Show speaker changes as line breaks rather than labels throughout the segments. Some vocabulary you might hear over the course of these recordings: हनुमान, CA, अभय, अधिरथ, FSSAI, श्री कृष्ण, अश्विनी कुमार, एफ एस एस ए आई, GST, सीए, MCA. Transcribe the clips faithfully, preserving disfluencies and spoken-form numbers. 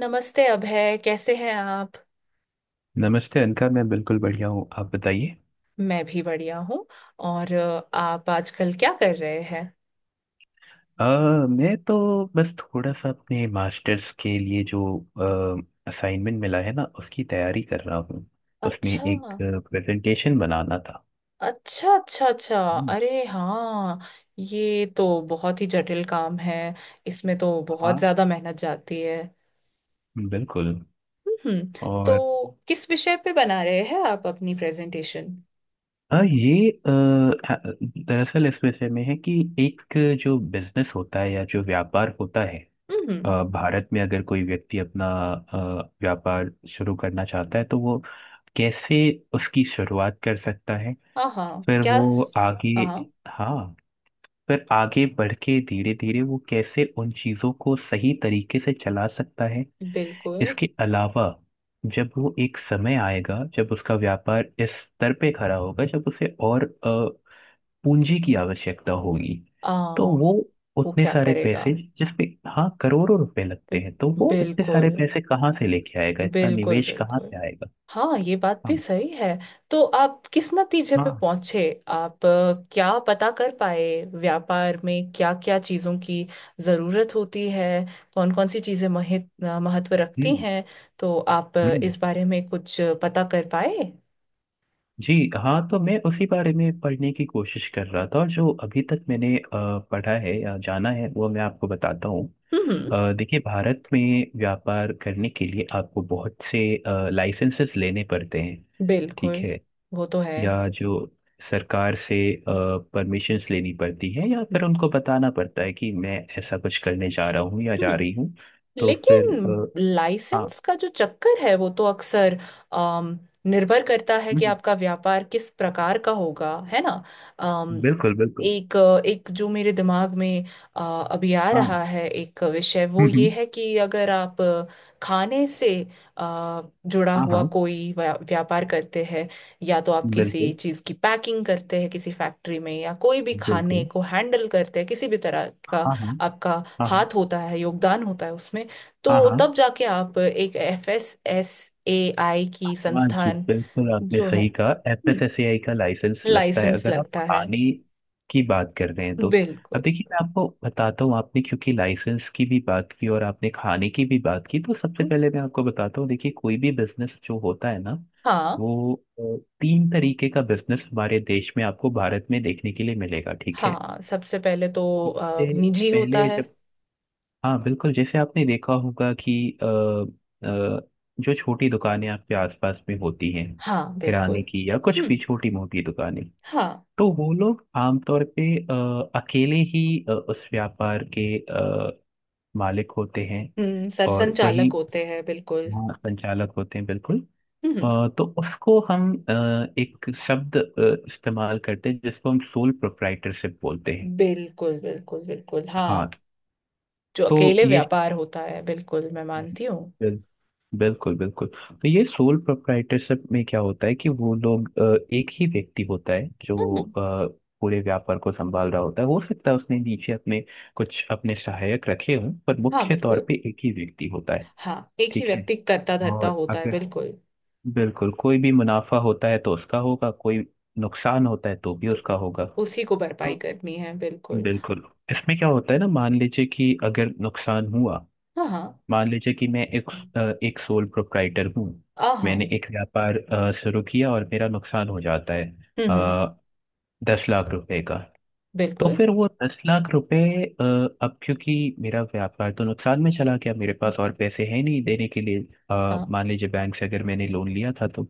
नमस्ते अभय, कैसे हैं आप।
नमस्ते अनका। मैं बिल्कुल बढ़िया हूँ। आप बताइए।
मैं भी बढ़िया हूँ। और अ, आप आजकल क्या कर रहे हैं।
अ, मैं तो बस थोड़ा सा अपने मास्टर्स के लिए जो असाइनमेंट मिला है ना उसकी तैयारी कर रहा हूँ। उसमें
अच्छा।
एक प्रेजेंटेशन बनाना था।
अच्छा अच्छा अच्छा।
हम्म,
अरे हाँ, ये तो बहुत ही जटिल काम है। इसमें तो बहुत
हाँ
ज्यादा मेहनत जाती है।
बिल्कुल।
हम्म। तो
और
किस विषय पे बना रहे हैं आप अपनी प्रेजेंटेशन।
हाँ ये अ, दरअसल इस विषय में है कि एक जो बिजनेस होता है या जो व्यापार होता है।
हम्म।
अ, भारत में अगर कोई व्यक्ति अपना अ, व्यापार शुरू करना चाहता है तो वो कैसे उसकी शुरुआत कर सकता है।
हाँ हाँ,
फिर
क्या?
वो
हाँ
आगे
हाँ,
हाँ। फिर आगे बढ़ के धीरे धीरे वो कैसे उन चीज़ों को सही तरीके से चला सकता है।
बिल्कुल।
इसके अलावा जब वो एक समय आएगा जब उसका व्यापार इस स्तर पे खड़ा होगा जब उसे और पूंजी की आवश्यकता होगी। तो
आ,
वो
वो
उतने
क्या
सारे
करेगा।
पैसे जिसपे हाँ करोड़ों रुपए लगते
बि-
हैं तो वो इतने
बिल्कुल
सारे पैसे कहाँ से लेके आएगा, इतना
बिल्कुल
निवेश कहाँ
बिल्कुल।
से आएगा।
हाँ, ये बात भी
हाँ,
सही है। तो आप किस नतीजे पे
हाँ,
पहुंचे। आप अ, क्या पता कर पाए। व्यापार में क्या क्या चीजों की जरूरत होती है। कौन कौन सी चीजें महत, अ, महत्व रखती
हम्म,
हैं। तो आप अ,
हम्म,
इस बारे में कुछ पता कर पाए।
जी, हाँ, तो मैं उसी बारे में पढ़ने की कोशिश कर रहा था और जो अभी तक मैंने अ, पढ़ा है या जाना है वो मैं आपको बताता हूँ।
हम्म।
अ, देखिए भारत में व्यापार करने के लिए आपको बहुत से लाइसेंसेस लेने पड़ते हैं, ठीक
बिल्कुल।
है।
वो तो है।
या जो सरकार से परमिशंस लेनी पड़ती है या फिर उनको बताना पड़ता है कि मैं ऐसा कुछ करने जा रहा हूँ या जा
हम्म।
रही हूँ। तो फिर
लेकिन
आ, हाँ,
लाइसेंस का जो चक्कर है वो तो अक्सर, अम, निर्भर करता है कि
हम्म,
आपका व्यापार किस प्रकार का होगा, है ना। अम,
बिल्कुल, बिल्कुल।
एक एक जो मेरे दिमाग में अ, अभी आ रहा
हाँ,
है एक विषय, वो
हम्म, हम्म,
ये है कि अगर आप खाने से अ, जुड़ा
हाँ,
हुआ
हाँ,
कोई व्या- व्यापार करते हैं, या तो आप किसी
बिल्कुल,
चीज़ की पैकिंग करते हैं किसी फैक्ट्री में, या कोई भी खाने
बिल्कुल।
को हैंडल करते हैं किसी भी तरह
हाँ,
का,
हाँ, हाँ,
आपका
हाँ,
हाथ होता है, योगदान होता है उसमें,
हाँ,
तो
हाँ।
तब जाके आप एक एफ एस एस ए आई की
हाँ जी
संस्थान
बिल्कुल, आपने
जो
सही
है,
कहा। एफएसएसएआई का लाइसेंस लगता है
लाइसेंस
अगर आप
लगता है।
खाने की बात कर रहे हैं तो। अब
बिल्कुल।
देखिए मैं आपको बताता हूँ, आपने क्योंकि लाइसेंस की भी बात की और आपने खाने की भी बात की तो सबसे पहले मैं आपको बताता हूँ। देखिए कोई भी बिजनेस जो होता है ना
हाँ,
वो अ, तीन तरीके का बिजनेस हमारे देश में आपको भारत में देखने के लिए मिलेगा, ठीक है।
हाँ सबसे पहले तो अ,
इससे
निजी होता
पहले
है।
जब हाँ बिल्कुल। जैसे आपने देखा होगा कि अ, अ, जो छोटी दुकानें आपके आसपास में होती हैं,
हाँ बिल्कुल।
किराने की या कुछ भी
हम्म।
छोटी मोटी दुकानें।
हाँ।
तो वो लोग आमतौर पे अ, अकेले ही अ, उस व्यापार के अ, मालिक होते हैं
हम्म, सरसंघ
और वही
चालक होते हैं, बिल्कुल।
वहाँ संचालक होते हैं, बिल्कुल।
हम्म।
अ, तो उसको हम अ, एक शब्द अ, इस्तेमाल करते हैं जिसको हम सोल प्रोप्राइटरशिप बोलते हैं।
बिल्कुल बिल्कुल बिल्कुल, हाँ।
हाँ।
जो
तो
अकेले
ये
व्यापार होता है, बिल्कुल, मैं मानती हूँ।
बिल- बिल्कुल, बिल्कुल। तो ये सोल प्रोप्राइटरशिप में क्या होता है कि वो लोग अ, एक ही व्यक्ति होता है जो
हम्म।
अ, पूरे व्यापार को संभाल रहा होता है। हो सकता है उसने नीचे अपने कुछ अपने सहायक रखे हों पर
हाँ
मुख्य तौर
बिल्कुल।
पे एक ही व्यक्ति होता है,
हाँ, एक ही
ठीक है।
व्यक्ति करता धरता
और
होता है,
अगर
बिल्कुल।
बिल्कुल कोई भी मुनाफा होता है तो उसका होगा, कोई नुकसान होता है तो भी
तो
उसका होगा।
उसी को भरपाई
तो
करनी है, बिल्कुल।
बिल्कुल इसमें क्या होता है ना, मान लीजिए कि अगर नुकसान हुआ।
हाँ हाँ।
मान लीजिए कि मैं एक अ, एक सोल प्रोप्राइटर हूँ।
आहा।
मैंने एक व्यापार अ, शुरू किया और मेरा नुकसान हो जाता है
हम्म हम्म।
अ, दस लाख रुपए का। तो
बिल्कुल।
फिर वो दस लाख रुपए अ, अब क्योंकि मेरा व्यापार तो नुकसान में चला गया, मेरे पास और पैसे हैं नहीं देने के लिए। अ,
हाँ
मान लीजिए बैंक से अगर मैंने लोन लिया था। तो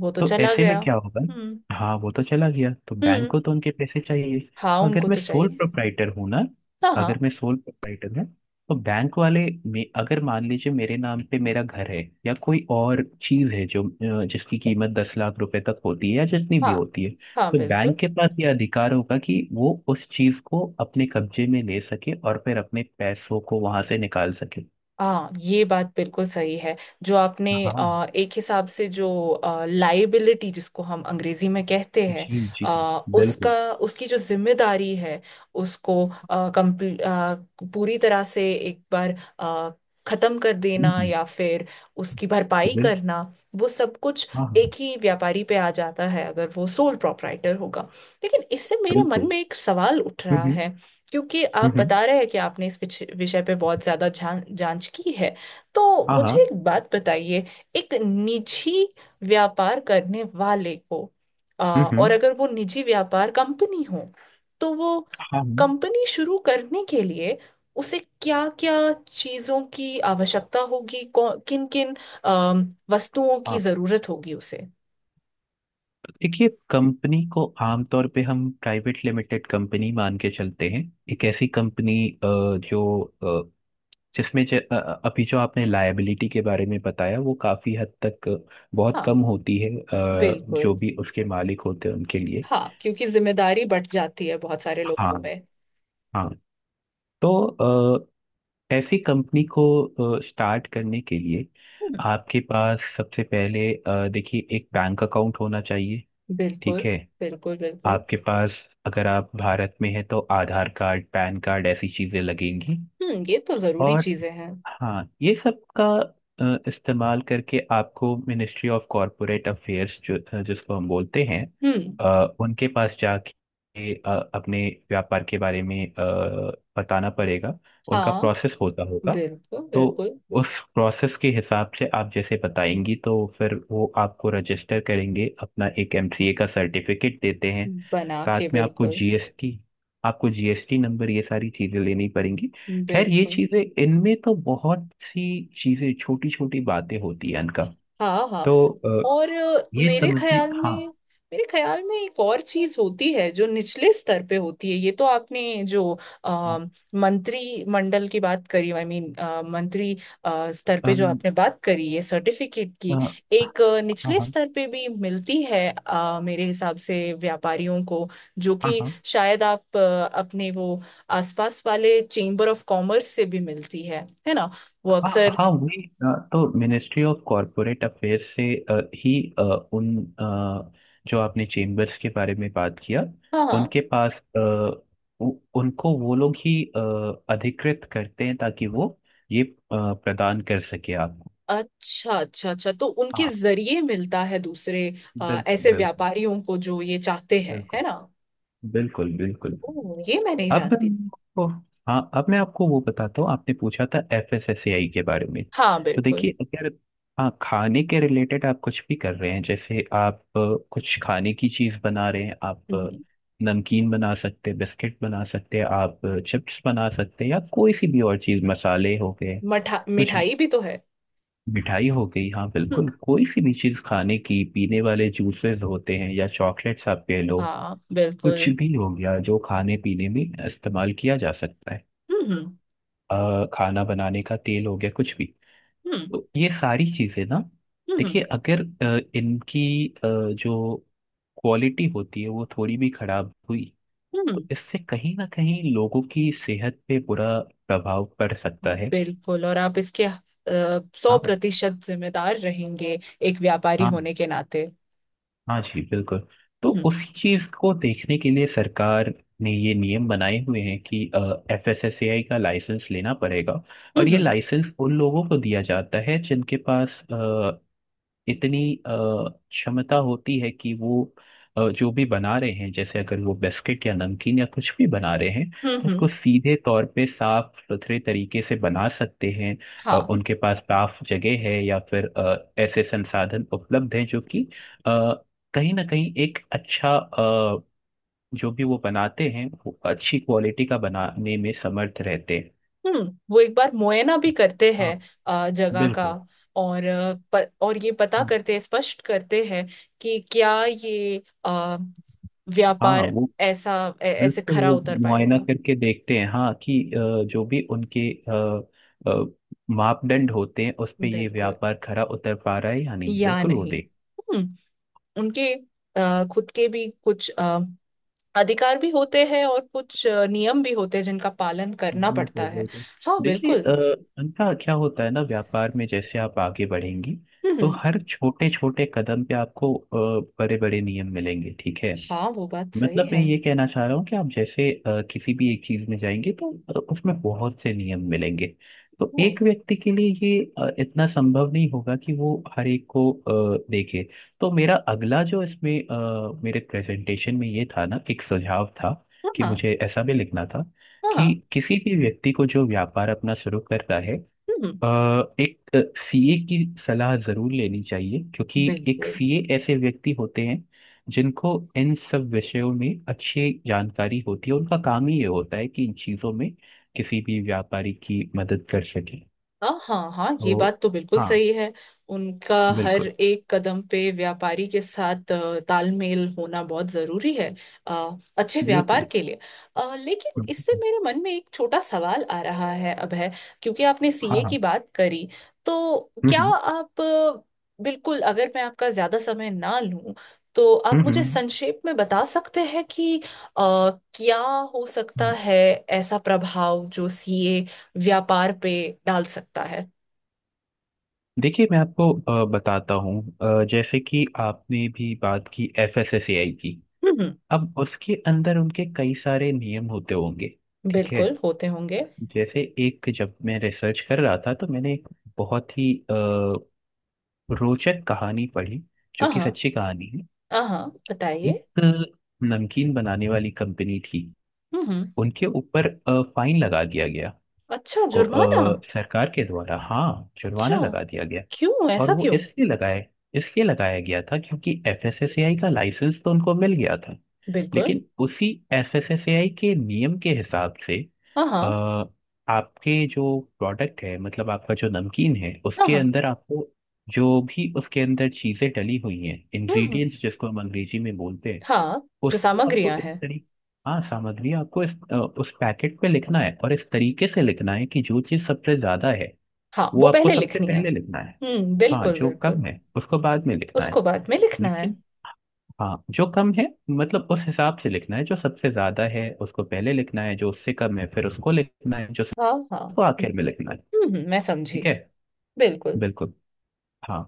वो तो
तो
चला
ऐसे में
गया,
क्या होगा।
हम्म।
हाँ वो तो चला गया तो बैंक
हम्म।
को तो उनके पैसे चाहिए।
हाँ,
तो अगर
उनको
मैं
तो
सोल
चाहिए।
प्रोप्राइटर हूँ ना,
हाँ हाँ।
अगर मैं सोल प्रोप्राइटर हूँ तो बैंक वाले मे, अगर मान लीजिए मेरे नाम पे मेरा घर है या कोई और चीज है जो अ, जिसकी कीमत दस लाख रुपए तक होती है या जितनी भी
हाँ
होती है,
हाँ
तो
बिल्कुल।
बैंक के पास ये अधिकार होगा कि वो उस चीज को अपने कब्जे में ले सके और फिर अपने पैसों को वहां से निकाल सके।
हाँ, ये बात बिल्कुल सही है। जो आपने
हाँ,
अ, एक हिसाब से जो लाइबिलिटी जिसको हम अंग्रेजी में कहते हैं,
जी, जी,
अ, उसका,
बिल्कुल,
उसकी जो जिम्मेदारी है, उसको अ, complete- अ, पूरी तरह से एक बार अ, खत्म कर
हम्म,
देना
हम्म,
या फिर उसकी भरपाई
बिल
करना, वो सब कुछ
हाँ, हाँ,
एक ही व्यापारी पे आ जाता है अगर वो सोल प्रोप्राइटर होगा। लेकिन इससे मेरे मन
बिल्कुल,
में एक सवाल उठ रहा
हम्म,
है। क्योंकि
हम्म,
आप
हम्म,
बता रहे हैं कि आपने इस विच- विषय पे बहुत ज्यादा जान, जांच की है, तो
हाँ,
मुझे
हाँ,
एक बात बताइए। एक निजी व्यापार करने वाले को, आ,
हम्म,
और
हम्म,
अगर वो निजी व्यापार कंपनी हो, तो वो
हाँ, हम्म,
कंपनी शुरू करने के लिए उसे क्या क्या चीजों की आवश्यकता होगी, किन किन वस्तुओं की
हाँ
जरूरत होगी उसे।
देखिए कंपनी को आमतौर पे हम प्राइवेट लिमिटेड कंपनी मान के चलते हैं। एक ऐसी कंपनी जो अ, जिसमें ज, अ, अ, अभी जो आपने लायबिलिटी के बारे में बताया वो काफी हद तक बहुत
हाँ
कम होती है, अ, जो
बिल्कुल।
भी उसके मालिक होते हैं उनके लिए।
हाँ, क्योंकि जिम्मेदारी बढ़ जाती है बहुत सारे लोगों
हाँ,
में।
हाँ। तो अ, ऐसी कंपनी को स्टार्ट करने के लिए आपके पास सबसे पहले अ, देखिए एक बैंक अकाउंट होना चाहिए,
बिल्कुल
ठीक है।
बिल्कुल बिल्कुल।
आपके पास अगर आप भारत में हैं तो आधार कार्ड, पैन कार्ड ऐसी चीजें लगेंगी।
हम्म, ये तो जरूरी
और
चीजें हैं।
हाँ ये सब का अ, इस्तेमाल करके आपको मिनिस्ट्री ऑफ कॉरपोरेट अफेयर्स जो अ, जिसको हम बोलते हैं
हम्म।
अ, उनके पास जाके अ, अपने व्यापार के बारे में अ, बताना पड़ेगा। उनका
हाँ।
प्रोसेस होता होगा।
बिल्कुल
तो
बिल्कुल।
उस प्रोसेस के हिसाब से आप जैसे बताएंगी तो फिर वो आपको रजिस्टर करेंगे, अपना एक एमसीए का सर्टिफिकेट देते हैं।
बना के,
साथ में आपको
बिल्कुल।
जीएसटी आपको जीएसटी नंबर, ये सारी चीज़ें लेनी पड़ेंगी। खैर ये
बिल्कुल।
चीजें, इनमें तो बहुत सी चीजें छोटी छोटी बातें होती हैं इनका।
हाँ हाँ।
तो अ,
और अ,
ये
मेरे
समझने
ख्याल
हाँ,
में मेरे ख्याल में एक और चीज होती है जो निचले स्तर पे होती है। ये तो आपने जो आ,
हाँ,
मंत्री मंडल की बात करी, आई मीन मंत्री अ, स्तर पे
अम,
जो आपने बात करी है सर्टिफिकेट
अ,
की, एक अ,
हाँ,
निचले
हाँ,
स्तर पे भी मिलती है अ, मेरे हिसाब से व्यापारियों को, जो
हाँ,
कि
हाँ,
शायद आप अ, अपने वो आसपास वाले चेंबर ऑफ कॉमर्स से भी मिलती है है ना। वो
हाँ,
अक्सर,
हाँ, वही अ, तो मिनिस्ट्री ऑफ कॉरपोरेट अफेयर्स से अ, ही अ, उन अ, जो आपने चेम्बर्स के बारे में बात किया
हाँ हाँ।
उनके पास अ, उ- उनको वो लोग ही अ, अधिकृत करते हैं ताकि वो ये अ, प्रदान कर सके आपको।
अच्छा अच्छा अच्छा, तो उनके
हाँ
जरिए मिलता है दूसरे अ,
बिल्कुल,
ऐसे
बिल्कुल,
व्यापारियों को जो ये चाहते हैं, है
बिल्कुल,
ना।
बिल्कुल, बिल्कुल।
ओ, ये मैं नहीं
अब मैं
जानती।
आपको हाँ, अब मैं आपको वो बताता हूँ, आपने पूछा था एफएसएसएआई के बारे में।
हाँ
तो
बिल्कुल।
देखिए अगर हाँ, खाने के रिलेटेड आप कुछ भी कर रहे हैं, जैसे आप अ, कुछ खाने की चीज बना रहे हैं, आप अ,
हम्म।
नमकीन बना सकते हैं, बिस्किट बना सकते हैं, आप चिप्स बना सकते हैं, या कोई सी भी और चीज, मसाले हो गए,
मठा
कुछ
मिठाई भी तो है।
मिठाई हो गई। हाँ
हम्म,
बिल्कुल, कोई सी भी चीज खाने की, पीने वाले जूसेस होते हैं या चॉकलेट्स आप ले लो।
हाँ
कुछ
बिल्कुल।
भी हो गया जो खाने पीने में इस्तेमाल किया जा सकता है।
हम्म हम्म।
अ, खाना बनाने का तेल हो गया, कुछ भी।
हम्म।
तो ये सारी चीजें ना, देखिए
हम्म।
अगर अ, इनकी अ, जो क्वालिटी होती है वो थोड़ी भी खराब हुई
हम्म,
तो इससे कहीं ना कहीं लोगों की सेहत पे बुरा प्रभाव पड़
हम्म,
सकता है।
बिल्कुल। और आप इसके सौ
हाँ,
प्रतिशत जिम्मेदार रहेंगे एक व्यापारी
हाँ,
होने के नाते।
हाँ जी बिल्कुल। तो
हम्म।
उसी चीज को देखने के लिए सरकार ने ये नियम बनाए हुए हैं कि एफ एस एस ए आई का लाइसेंस लेना पड़ेगा। और ये
हम्म।
लाइसेंस उन लोगों को दिया जाता है जिनके पास इतनी अ, क्षमता होती है कि वो अ, जो भी बना रहे हैं, जैसे अगर वो बिस्किट या नमकीन या कुछ भी बना रहे हैं
हम्म।
तो उसको
हम्म।
सीधे तौर पे साफ सुथरे तरीके से बना सकते हैं। अ,
हाँ।
उनके पास साफ जगह है या फिर अ, ऐसे संसाधन उपलब्ध हैं जो कि अ, कहीं ना कहीं एक अच्छा अ, जो भी वो बनाते हैं वो अच्छी क्वालिटी का बनाने में समर्थ रहते हैं।
हम्म, वो एक बार मुआयना भी करते हैं
हाँ
अ, जगह का,
बिल्कुल,
और अ, प, और ये पता
हाँ,
करते हैं, स्पष्ट करते हैं कि क्या ये अ,
हाँ।
व्यापार
वो
ऐसा ऐ- ऐसे
बिल्कुल,
खरा
वो
उतर
मुआयना
पाएगा।
करके देखते हैं, हाँ कि अ, जो भी उनके अ, अ, मापदंड होते हैं उस पे ये
बिल्कुल
व्यापार खरा उतर पा रहा है या नहीं,
या
बिल्कुल। वो
नहीं।
देख
हम्म। उनके अ, खुद के भी कुछ अ, अधिकार भी होते हैं और कुछ अ, नियम भी होते हैं जिनका पालन करना पड़ता
बिल्कुल,
है।
बिल्कुल।
हाँ
देखिए अ,
बिल्कुल।
अनका क्या होता है ना, व्यापार में जैसे आप आगे बढ़ेंगी तो
हम्म।
हर छोटे छोटे कदम पे आपको बड़े बड़े नियम मिलेंगे, ठीक है।
हाँ, वो बात सही
मतलब मैं
है।
ये कहना चाह रहा हूँ कि आप जैसे अ, किसी भी एक चीज में जाएंगे तो अ, उसमें बहुत से नियम मिलेंगे। तो
ओ,
एक व्यक्ति के लिए ये अ, इतना संभव नहीं होगा कि वो हर एक को अ, देखे। तो मेरा अगला जो इसमें अ, मेरे प्रेजेंटेशन में ये था ना, एक सुझाव था
हाँ
कि
हाँ
मुझे ऐसा भी लिखना था कि
हाँ,
किसी भी व्यक्ति को जो व्यापार अपना शुरू करता है
हम्म।
अ, एक सीए की सलाह जरूर लेनी चाहिए, क्योंकि एक
बिल्कुल।
सीए ऐसे व्यक्ति होते हैं जिनको इन सब विषयों में अच्छी जानकारी होती है, उनका काम ही ये होता है कि इन चीजों में किसी भी व्यापारी की मदद कर सके।
हाँ हाँ हाँ, ये
तो
बात तो बिल्कुल
हाँ
सही है। उनका हर
बिल्कुल,
एक कदम पे व्यापारी के साथ अ, तालमेल होना बहुत जरूरी है अ, अच्छे व्यापार
बिल्कुल,
के लिए। अ, लेकिन इससे मेरे मन में एक छोटा सवाल आ रहा है अब है, क्योंकि आपने
हाँ,
सी ए
हाँ,
की बात करी। तो क्या
हम्म,
आप अ, बिल्कुल, अगर मैं आपका ज्यादा समय ना लूं, तो आप
हम्म, हम्म,
मुझे
हम्म।
संक्षेप में बता सकते हैं कि अ, क्या हो सकता
हम्म।
है ऐसा प्रभाव जो सी ए व्यापार पे डाल सकता है।
देखिए मैं आपको अ, बताता हूँ अ, जैसे कि आपने भी बात की एफएसएसएआई की।
हम्म,
अब उसके अंदर उनके कई सारे नियम होते होंगे, ठीक है।
बिल्कुल होते होंगे।
जैसे एक जब मैं रिसर्च कर रहा था तो मैंने एक बहुत ही अ, रोचक कहानी पढ़ी, जो कि
हाँ
सच्ची कहानी है।
हाँ, बताइए।
एक नमकीन बनाने वाली कंपनी थी।
हम्म हम्म।
उनके ऊपर फाइन लगा दिया गया,
अच्छा,
को
जुर्माना।
अ, सरकार के द्वारा, हाँ
अच्छा,
जुर्माना लगा दिया गया।
क्यों?
और
ऐसा
वो
क्यों?
इसलिए लगाए इसलिए लगाया गया था क्योंकि एफएसएसएआई का लाइसेंस तो उनको मिल गया था।
बिल्कुल।
लेकिन उसी एफएसएसएआई के नियम के हिसाब से
हाँ हाँ।
अ, आपके जो प्रोडक्ट है, मतलब आपका जो नमकीन है उसके
हम्म
अंदर आपको जो भी उसके अंदर चीजें डली हुई हैं,
हम्म।
इंग्रेडिएंट्स जिसको हम अंग्रेजी में बोलते हैं।
हाँ, जो
उसको आपको
सामग्रियां
इस
हैं।
तरीके हाँ, सामग्री आपको इस अ, उस पैकेट पे लिखना है, और इस तरीके से लिखना है कि जो चीज सबसे ज्यादा है
हाँ
वो
वो
आपको
पहले
सबसे
लिखनी है,
पहले लिखना है।
हम्म,
हाँ,
बिल्कुल
जो
बिल्कुल।
कम है उसको बाद में लिखना
उसको
है।
बाद में लिखना है।
लेकिन हाँ, जो कम है मतलब उस हिसाब से लिखना है, जो सबसे ज्यादा है उसको पहले लिखना है, जो उससे कम है फिर उसको लिखना है, जो
हाँ हाँ।
उसको
हम्म।
आखिर में लिखना है,
हम्म, मैं समझी।
ठीक है,
बिल्कुल।
बिल्कुल। हाँ।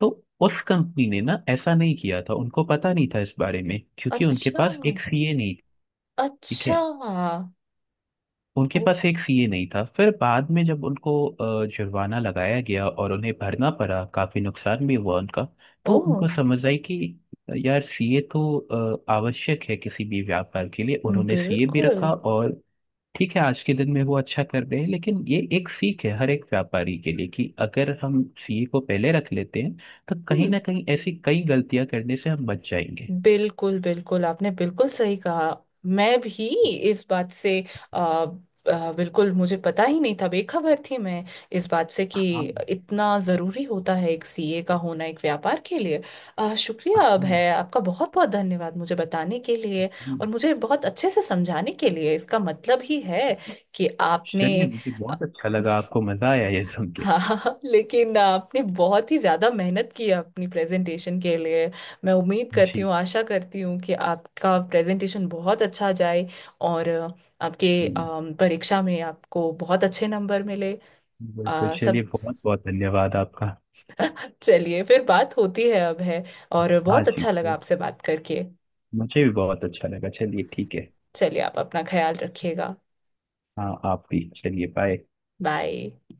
तो उस कंपनी ने ना ऐसा नहीं किया था, उनको पता नहीं था इस बारे में क्योंकि उनके
अच्छा,
पास एक सीए नहीं थी, ठीक
अच्छा।
है। उनके
ओ।
पास एक सीए नहीं था, फिर बाद में जब उनको अ, जुर्माना लगाया गया और उन्हें भरना पड़ा, काफी नुकसान भी हुआ उनका। तो
ओ।
उनको समझ आई कि यार सीए तो अ, आवश्यक है किसी भी व्यापार के लिए, उन्होंने सीए भी
बिल्कुल।
रखा और ठीक है, आज के दिन में वो अच्छा कर रहे हैं, लेकिन ये एक सीख है हर एक व्यापारी के लिए कि अगर हम सीए को पहले रख लेते हैं तो कहीं
हम्म।
ना कहीं ऐसी कई गलतियां करने से हम बच जाएंगे।
बिल्कुल बिल्कुल, आपने बिल्कुल सही कहा। मैं भी इस बात से, आ, आ, बिल्कुल मुझे पता ही नहीं था, बेखबर थी मैं इस बात से, कि
हाँ,
इतना ज़रूरी होता है एक सी ए का होना एक व्यापार के लिए। आ,
हाँ,
शुक्रिया अब
हम्म।
है आपका, बहुत बहुत धन्यवाद मुझे बताने के लिए और मुझे बहुत अच्छे से समझाने के लिए। इसका मतलब ही है कि आपने
चलिए मुझे बहुत अच्छा लगा आपको मजा आया ये सुन के।
हाँ लेकिन आपने बहुत ही ज्यादा मेहनत की है अपनी प्रेजेंटेशन के लिए। मैं उम्मीद करती
जी,
हूँ, आशा करती हूँ कि आपका प्रेजेंटेशन बहुत अच्छा जाए, और अ, आपके
जी,
अम, परीक्षा में आपको बहुत अच्छे नंबर मिले
बिल्कुल,
अ,
चलिए
सब।
बहुत बहुत धन्यवाद आपका।
चलिए फिर बात होती है अब है, और
हाँ
बहुत अच्छा
जी,
लगा आपसे बात करके।
मुझे भी बहुत अच्छा लगा, चलिए ठीक है।
चलिए, आप अपना ख्याल रखिएगा।
हाँ, आप भी, चलिए बाय।
बाय।